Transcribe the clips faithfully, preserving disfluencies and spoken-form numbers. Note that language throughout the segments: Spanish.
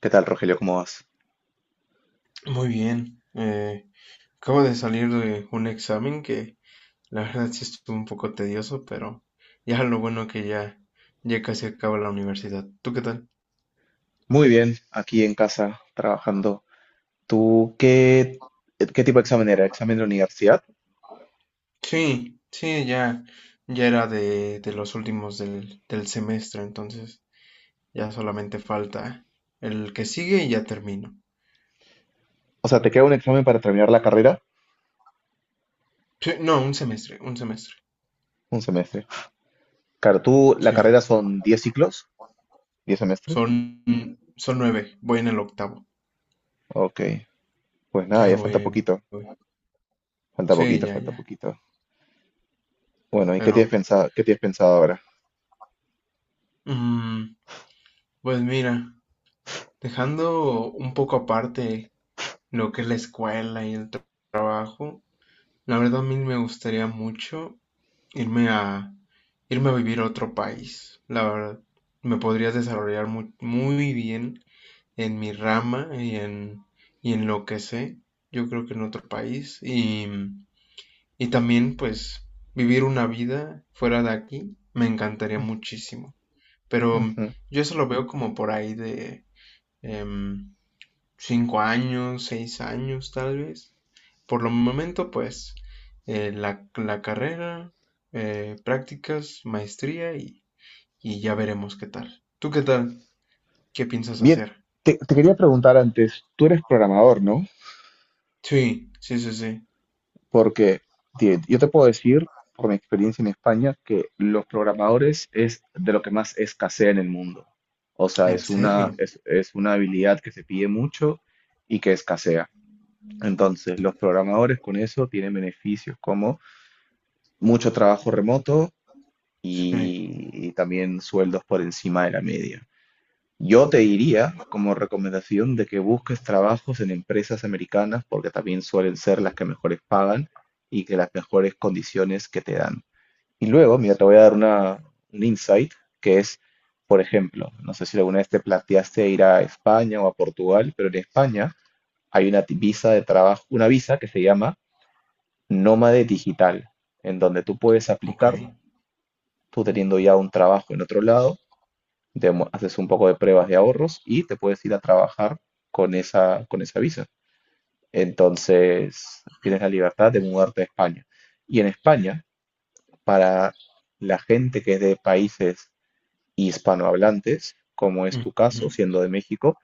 ¿Qué tal, Rogelio? ¿Cómo vas? Muy bien. eh, acabo de salir de un examen que la verdad sí estuvo un poco tedioso, pero ya lo bueno que ya, ya casi acaba la universidad. ¿Tú qué tal? Muy bien, aquí en casa trabajando. ¿Tú qué, qué tipo de examen era? ¿Examen de universidad? Sí, sí, ya, ya era de, de los últimos del, del semestre, entonces ya solamente falta el que sigue y ya termino. O sea, ¿te queda un examen para terminar la carrera? Sí, no, un semestre, un semestre. Un semestre. Claro, tú, la Sí, carrera son diez ciclos, diez semestres. son, son nueve, voy en el octavo. Ok, pues nada, Ahí ya voy, falta ahí poquito, voy. falta Sí, poquito, ya, falta ya. poquito. Bueno, ¿y qué Pero, tienes pensado, qué tienes pensado ahora? mm, pues mira. Dejando un poco aparte lo que es la escuela y el trabajo, la verdad a mí me gustaría mucho irme a irme a vivir a otro país. La verdad, me podría desarrollar muy, muy bien en mi rama y en, y en lo que sé, yo creo que en otro país. Y, y también, pues, vivir una vida fuera de aquí me encantaría muchísimo. Pero Ujú. yo eso lo veo como por ahí de em, cinco años, seis años tal vez. Por lo momento, pues, eh, la, la carrera, eh, prácticas, maestría y, y ya veremos qué tal. ¿Tú qué tal? ¿Qué piensas Bien, hacer? te, te quería preguntar antes, tú eres programador, ¿no? Sí, sí, sí, sí. Porque ti- yo te puedo decir, por mi experiencia en España, que los programadores es de lo que más escasea en el mundo. O sea, ¿En es una, serio? es, es una habilidad que se pide mucho y que escasea. Entonces, los programadores con eso tienen beneficios como mucho trabajo remoto Sí, y, y también sueldos por encima de la media. Yo te diría como recomendación de que busques trabajos en empresas americanas porque también suelen ser las que mejores pagan y que las mejores condiciones que te dan. Y luego, mira, te voy a dar una, un insight que es, por ejemplo, no sé si alguna vez te planteaste ir a España o a Portugal, pero en España hay una ti- visa de trabajo, una visa que se llama nómade digital, en donde tú puedes ok. aplicar, tú teniendo ya un trabajo en otro lado, demo- haces un poco de pruebas de ahorros y te puedes ir a trabajar con esa, con esa visa. Entonces, tienes la libertad de mudarte a España. Y en España, para la gente que es de países hispanohablantes, como es tu caso, Ujú, siendo de México,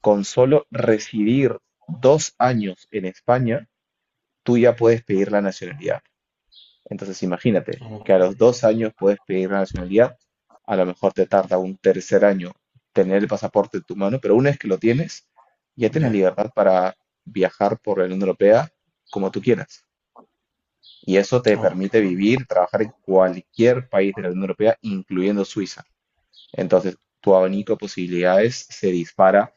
con solo residir dos años en España, tú ya puedes pedir la nacionalidad. Entonces imagínate que ok, a los dos años puedes pedir la nacionalidad, a lo mejor te tarda un tercer año tener el pasaporte en tu mano, pero una vez que lo tienes, ya tienes ya, libertad para viajar por la Unión Europea como tú quieras. Y eso te ok, permite vivir, trabajar en cualquier país de la Unión Europea, incluyendo Suiza. Entonces, tu abanico de posibilidades se dispara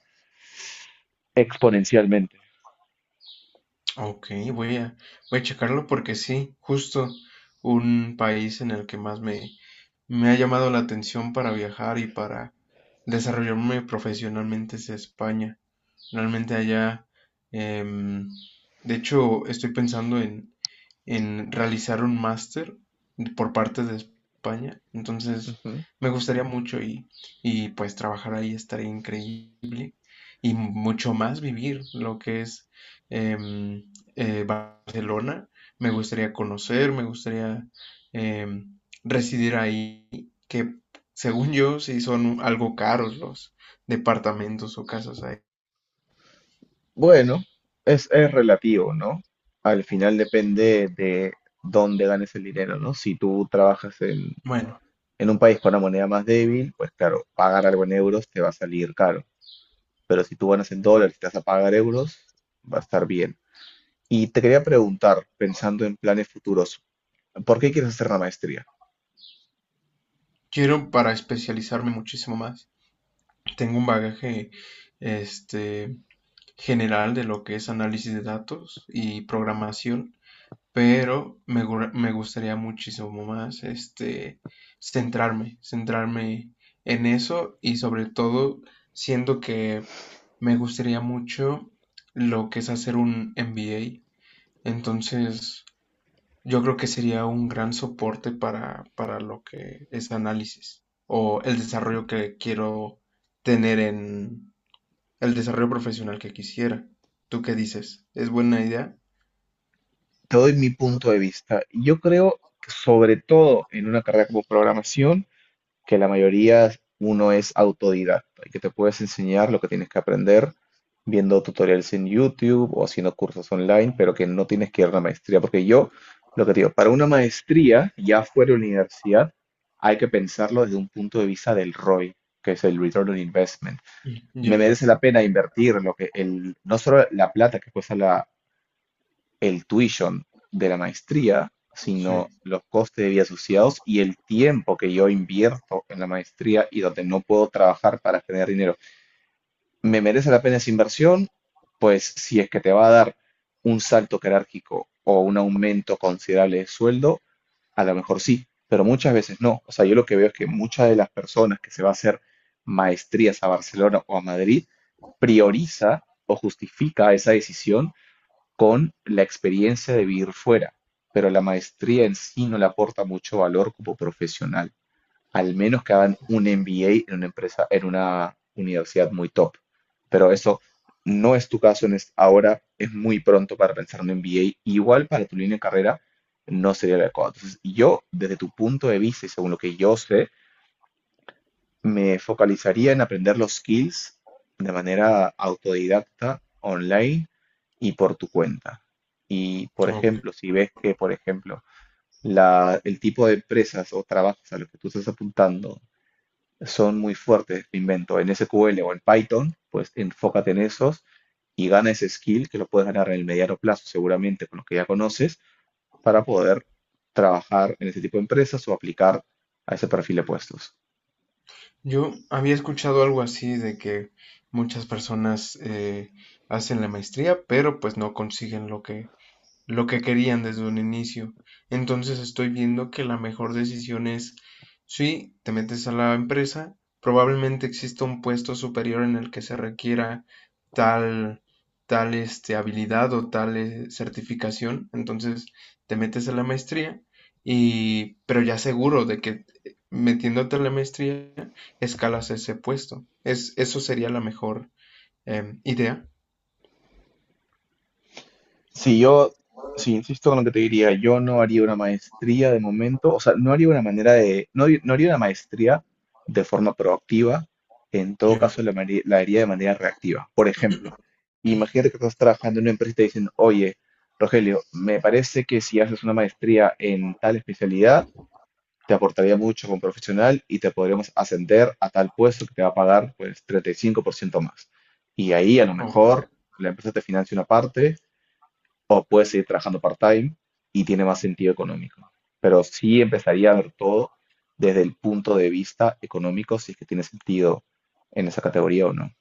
exponencialmente. ok, voy a, voy a checarlo porque sí, justo un país en el que más me, Me ha llamado la atención para viajar y para desarrollarme profesionalmente es España. Realmente allá, em, de hecho, estoy pensando en, en realizar un máster por parte de España. Entonces, Ujú. me gustaría mucho y, y pues trabajar ahí estaría increíble y mucho más vivir lo que es em, eh, Barcelona. Me gustaría conocer, me gustaría em, residir ahí, que según yo sí son algo caros los departamentos o casas ahí. Bueno, es, es relativo, ¿no? Al final depende de dónde ganes el dinero, ¿no? Si tú trabajas en, Bueno, en un país con una moneda más débil, pues claro, pagar algo en euros te va a salir caro. Pero si tú ganas en dólares y te vas a pagar euros, va a estar bien. Y te quería preguntar, pensando en planes futuros, ¿por qué quieres hacer la maestría? quiero para especializarme muchísimo más. Tengo un bagaje este general de lo que es análisis de datos y programación, pero me, gu- me gustaría muchísimo más este centrarme, centrarme en eso y sobre todo siento que me gustaría mucho lo que es hacer un M B A. Entonces, yo creo que sería un gran soporte para, para lo que es análisis o el desarrollo que quiero tener en el desarrollo profesional que quisiera. ¿Tú qué dices? ¿Es buena idea? Te doy mi punto de vista. Yo creo que sobre todo en una carrera como programación, que la mayoría uno es autodidacta y que te puedes enseñar lo que tienes que aprender viendo tutoriales en YouTube o haciendo cursos online, pero que no tienes que ir a una maestría. Porque yo, lo que te digo, para una maestría, ya fuera de la universidad, hay que pensarlo desde un punto de vista del R O I, que es el Return on Investment. Mm, Me ya, ya, merece la pena invertir lo que el, no solo la plata que cuesta la, el tuition de la maestría, sí. sino los costes de vida asociados y el tiempo que yo invierto en la maestría y donde no puedo trabajar para generar dinero. ¿Me merece la pena esa inversión? Pues si es que te va a dar un salto jerárquico o un aumento considerable de sueldo, a lo mejor sí, pero muchas veces no. O sea, yo lo que veo es que muchas de las personas que se va a hacer maestrías a Barcelona o a Madrid prioriza o justifica esa decisión con la experiencia de vivir fuera, pero la maestría en sí no le aporta mucho valor como profesional, al menos que hagan un M B A en una empresa, en una universidad muy top. Pero eso no es tu caso en es- ahora, es muy pronto para pensar en un M B A, igual para tu línea de carrera no sería el adecuado. Entonces, yo, desde tu punto de vista y según lo que yo sé, me focalizaría en aprender los skills de manera autodidacta, online y por tu cuenta. Y, por Ok. ejemplo, si ves que, por ejemplo, la- el tipo de empresas o trabajos a los que tú estás apuntando son muy fuertes, me invento, en S Q L o en Python, pues enfócate en esos y gana ese skill que lo puedes ganar en el mediano plazo, seguramente con los que ya conoces, para poder trabajar en ese tipo de empresas o aplicar a ese perfil de puestos. Yo había escuchado algo así de que muchas personas eh, hacen la maestría, pero pues no consiguen lo que, lo que querían desde un inicio. Entonces estoy viendo que la mejor decisión es, sí, te metes a la empresa, probablemente exista un puesto superior en el que se requiera tal, tal este, habilidad o tal eh, certificación. Entonces te metes a la maestría y, pero ya seguro de que metiéndote a la maestría escalas ese puesto. Es, eso sería la mejor em, idea. Si yo, si insisto con lo que te diría, yo no haría una maestría de momento, o sea, no haría una manera de, no, haría- no haría una maestría de forma proactiva, en todo Yeah. caso la, mari- la haría de manera reactiva. Por ejemplo, imagínate que estás trabajando en una empresa y te dicen, oye, Rogelio, me parece que si haces una maestría en tal especialidad, te aportaría mucho como profesional y te podríamos ascender a tal puesto que te va a pagar pues treinta y cinco por ciento más. Y ahí a lo O mejor la empresa te financia una parte o puedes seguir trabajando part-time y tiene más sentido económico. Pero sí empezaría a ver todo desde el punto de vista económico, si es que tiene sentido en esa categoría o no.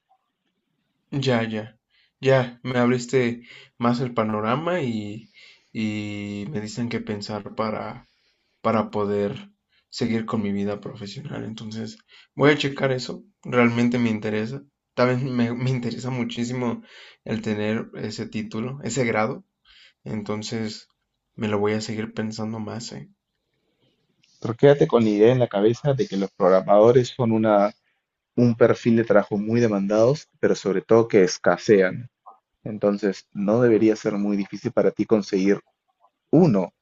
Ya, ya, ya, me abriste más el panorama y, y me dicen qué pensar para, para poder seguir con mi vida profesional. Entonces, voy a checar eso, realmente me interesa. También me, me interesa muchísimo el tener ese título, ese grado. Entonces, me lo voy a seguir pensando más, ¿eh? Pero quédate con la idea en la cabeza de que los programadores son una, un perfil de trabajo muy demandados, pero sobre todo que escasean. Entonces, no debería ser muy difícil para ti conseguir uno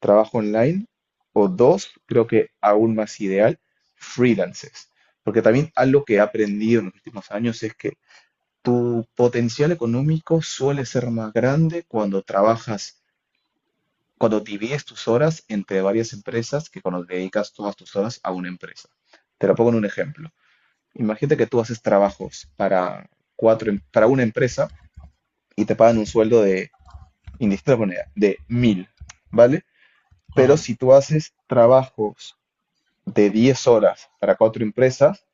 trabajo online o dos, creo que aún más ideal, freelances. Porque también algo que he aprendido en los últimos años es que tu potencial económico suele ser más grande cuando trabajas, cuando divides tus horas entre varias empresas que cuando dedicas todas tus horas a una empresa. Te lo pongo en un ejemplo. Imagínate que tú haces trabajos para cuatro, em- para una empresa y te pagan un sueldo de, indistinta moneda, de mil, ¿vale? Pero Ajá, si tú haces trabajos de diez horas para cuatro empresas,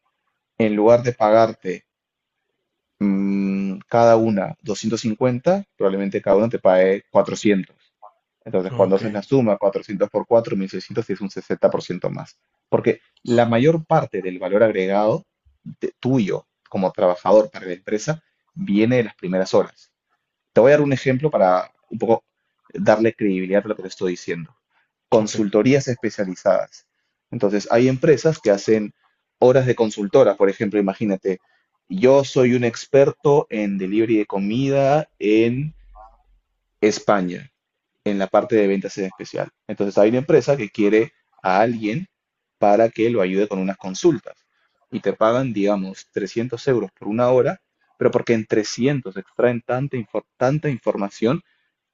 en lugar de pagarte mm, cada una doscientos cincuenta probablemente cada una te pague cuatrocientos. Entonces, cuando ok, haces la suma, cuatrocientos por cuatro mil seiscientos es un sesenta por ciento más. Porque la mayor parte del valor agregado de- tuyo como trabajador para la empresa viene de las primeras horas. Te voy a dar un ejemplo para un poco darle credibilidad a lo que te estoy diciendo. ok, Consultorías especializadas. Entonces, hay empresas que hacen horas de consultora. Por ejemplo, imagínate, yo soy un experto en delivery de comida en España, en la parte de ventas en especial. Entonces, hay una empresa que quiere a alguien para que lo ayude con unas consultas. Y te pagan, digamos, trescientos euros por una hora, pero porque en trescientos extraen tanta, infor- tanta información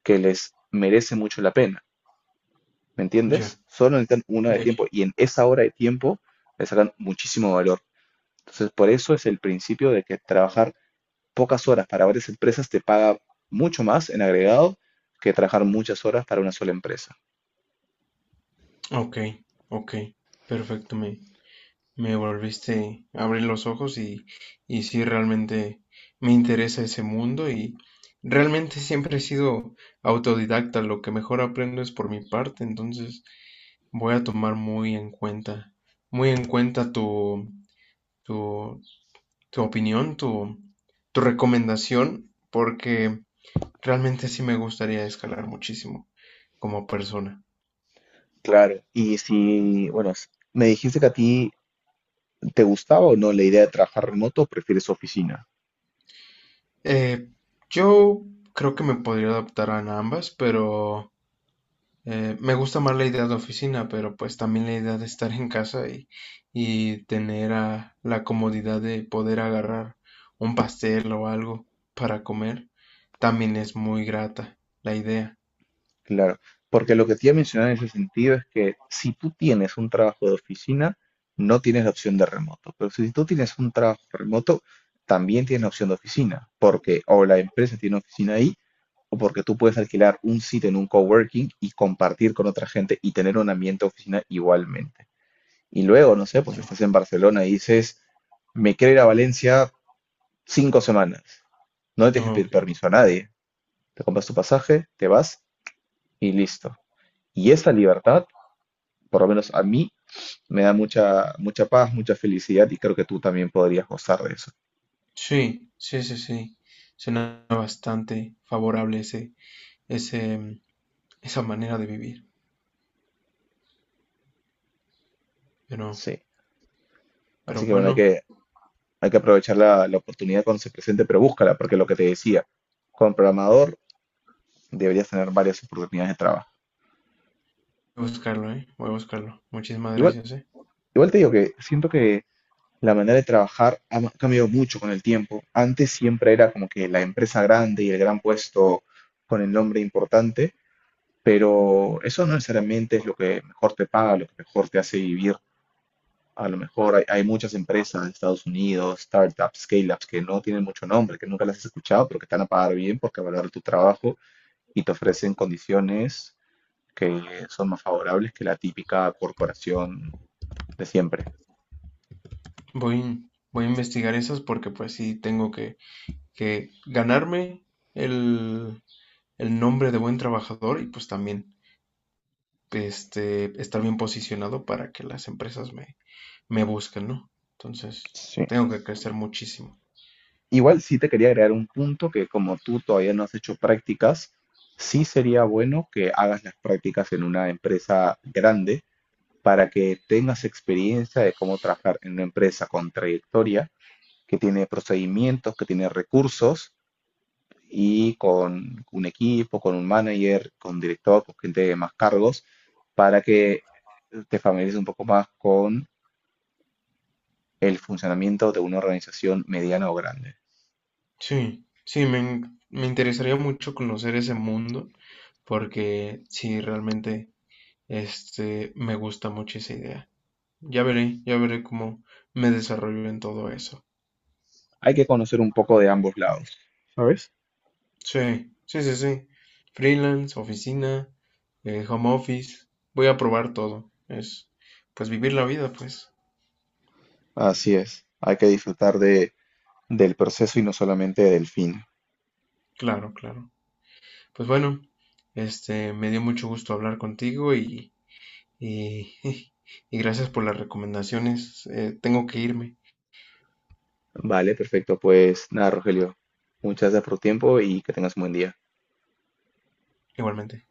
que les merece mucho la pena, ¿me ya, entiendes? Solo necesitan una de ya, ya. tiempo y en esa hora de tiempo le sacan muchísimo valor. Entonces, por eso es el principio de que trabajar pocas horas para varias empresas te paga mucho más en agregado que trabajar muchas horas para una sola empresa. Ok, ok, perfecto. me, Me volviste a abrir los ojos y, y sí, realmente me interesa ese mundo y realmente siempre he sido autodidacta, lo que mejor aprendo es por mi parte, entonces voy a tomar muy en cuenta, muy en cuenta tu, tu, tu opinión, tu, tu recomendación, porque realmente sí me gustaría escalar muchísimo como persona. Claro. Y si, bueno, s- me dijiste que a ti te gustaba o no la idea de trabajar remoto, o prefieres oficina. Eh, yo creo que me podría adaptar a ambas, pero. Eh, me gusta más la idea de oficina, pero pues también la idea de estar en casa y, y tener ah, la comodidad de poder agarrar un pastel o algo para comer, también es muy grata la idea. Claro, porque lo que te iba a mencionar en ese sentido es que si tú tienes un trabajo de oficina, no tienes la opción de remoto, pero si tú tienes un trabajo remoto, también tienes la opción de oficina, porque o la empresa tiene oficina ahí, o porque tú puedes alquilar un sitio en un coworking y compartir con otra gente y tener un ambiente de oficina igualmente. Y luego, no sé, pues Ya. estás en Barcelona y dices, me quiero ir a Valencia cinco semanas. No le tienes que pedir Ok. permiso a nadie. Te compras tu pasaje, te vas y listo. Y esa libertad, por lo menos a mí, me da mucha, mucha paz, mucha felicidad y creo que tú también podrías gozar de eso. Sí, sí, sí, sí. Suena bastante favorable ese, ese, mm, esa manera de vivir. Pero, Sí. Así pero que bueno, hay bueno, que, hay que aprovechar la, la oportunidad cuando se presente, pero búscala, porque lo que te decía, como programador deberías tener varias oportunidades de trabajo. voy a buscarlo, ¿eh? Voy a buscarlo. Muchísimas Igual, gracias, ¿eh? igual te digo que siento que la manera de trabajar ha ma- cambiado mucho con el tiempo. Antes siempre era como que la empresa grande y el gran puesto con el nombre importante, pero eso no necesariamente es lo que mejor te paga, lo que mejor te hace vivir. A lo mejor hay, hay muchas empresas de Estados Unidos, startups, scale-ups, que no tienen mucho nombre, que nunca las has escuchado, pero que te van a pagar bien porque valoran tu trabajo y te ofrecen condiciones que son más favorables que la típica corporación de siempre. Voy, voy a investigar esas porque pues sí tengo que que ganarme el, el nombre de buen trabajador y pues también este, estar bien posicionado para que las empresas me, me busquen, ¿no? Entonces, Sí, tengo que crecer muchísimo. igual sí te quería agregar un punto que como tú todavía no has hecho prácticas, sí sería bueno que hagas las prácticas en una empresa grande para que tengas experiencia de cómo trabajar en una empresa con trayectoria que tiene procedimientos, que tiene recursos y con un equipo, con un manager, con director, con gente de más cargos, para que te familiarices un poco más con el funcionamiento de una organización mediana o grande. Sí, sí, me, me interesaría mucho conocer ese mundo porque sí, realmente este, me gusta mucho esa idea. Ya veré, ya veré cómo me desarrollo en todo eso. Hay que conocer un poco de ambos lados. ¿Sabes? Sí, sí, sí, sí. Freelance, oficina, eh, home office. Voy a probar todo. Es, pues vivir la vida, pues. Así es, hay que disfrutar de, del proceso y no solamente del fin. Claro, claro. Pues bueno, este, me dio mucho gusto hablar contigo y, y, y gracias por las recomendaciones. Eh, tengo que irme, Vale, perfecto. Pues nada, Rogelio, muchas gracias por tu tiempo y que tengas un buen día. igualmente.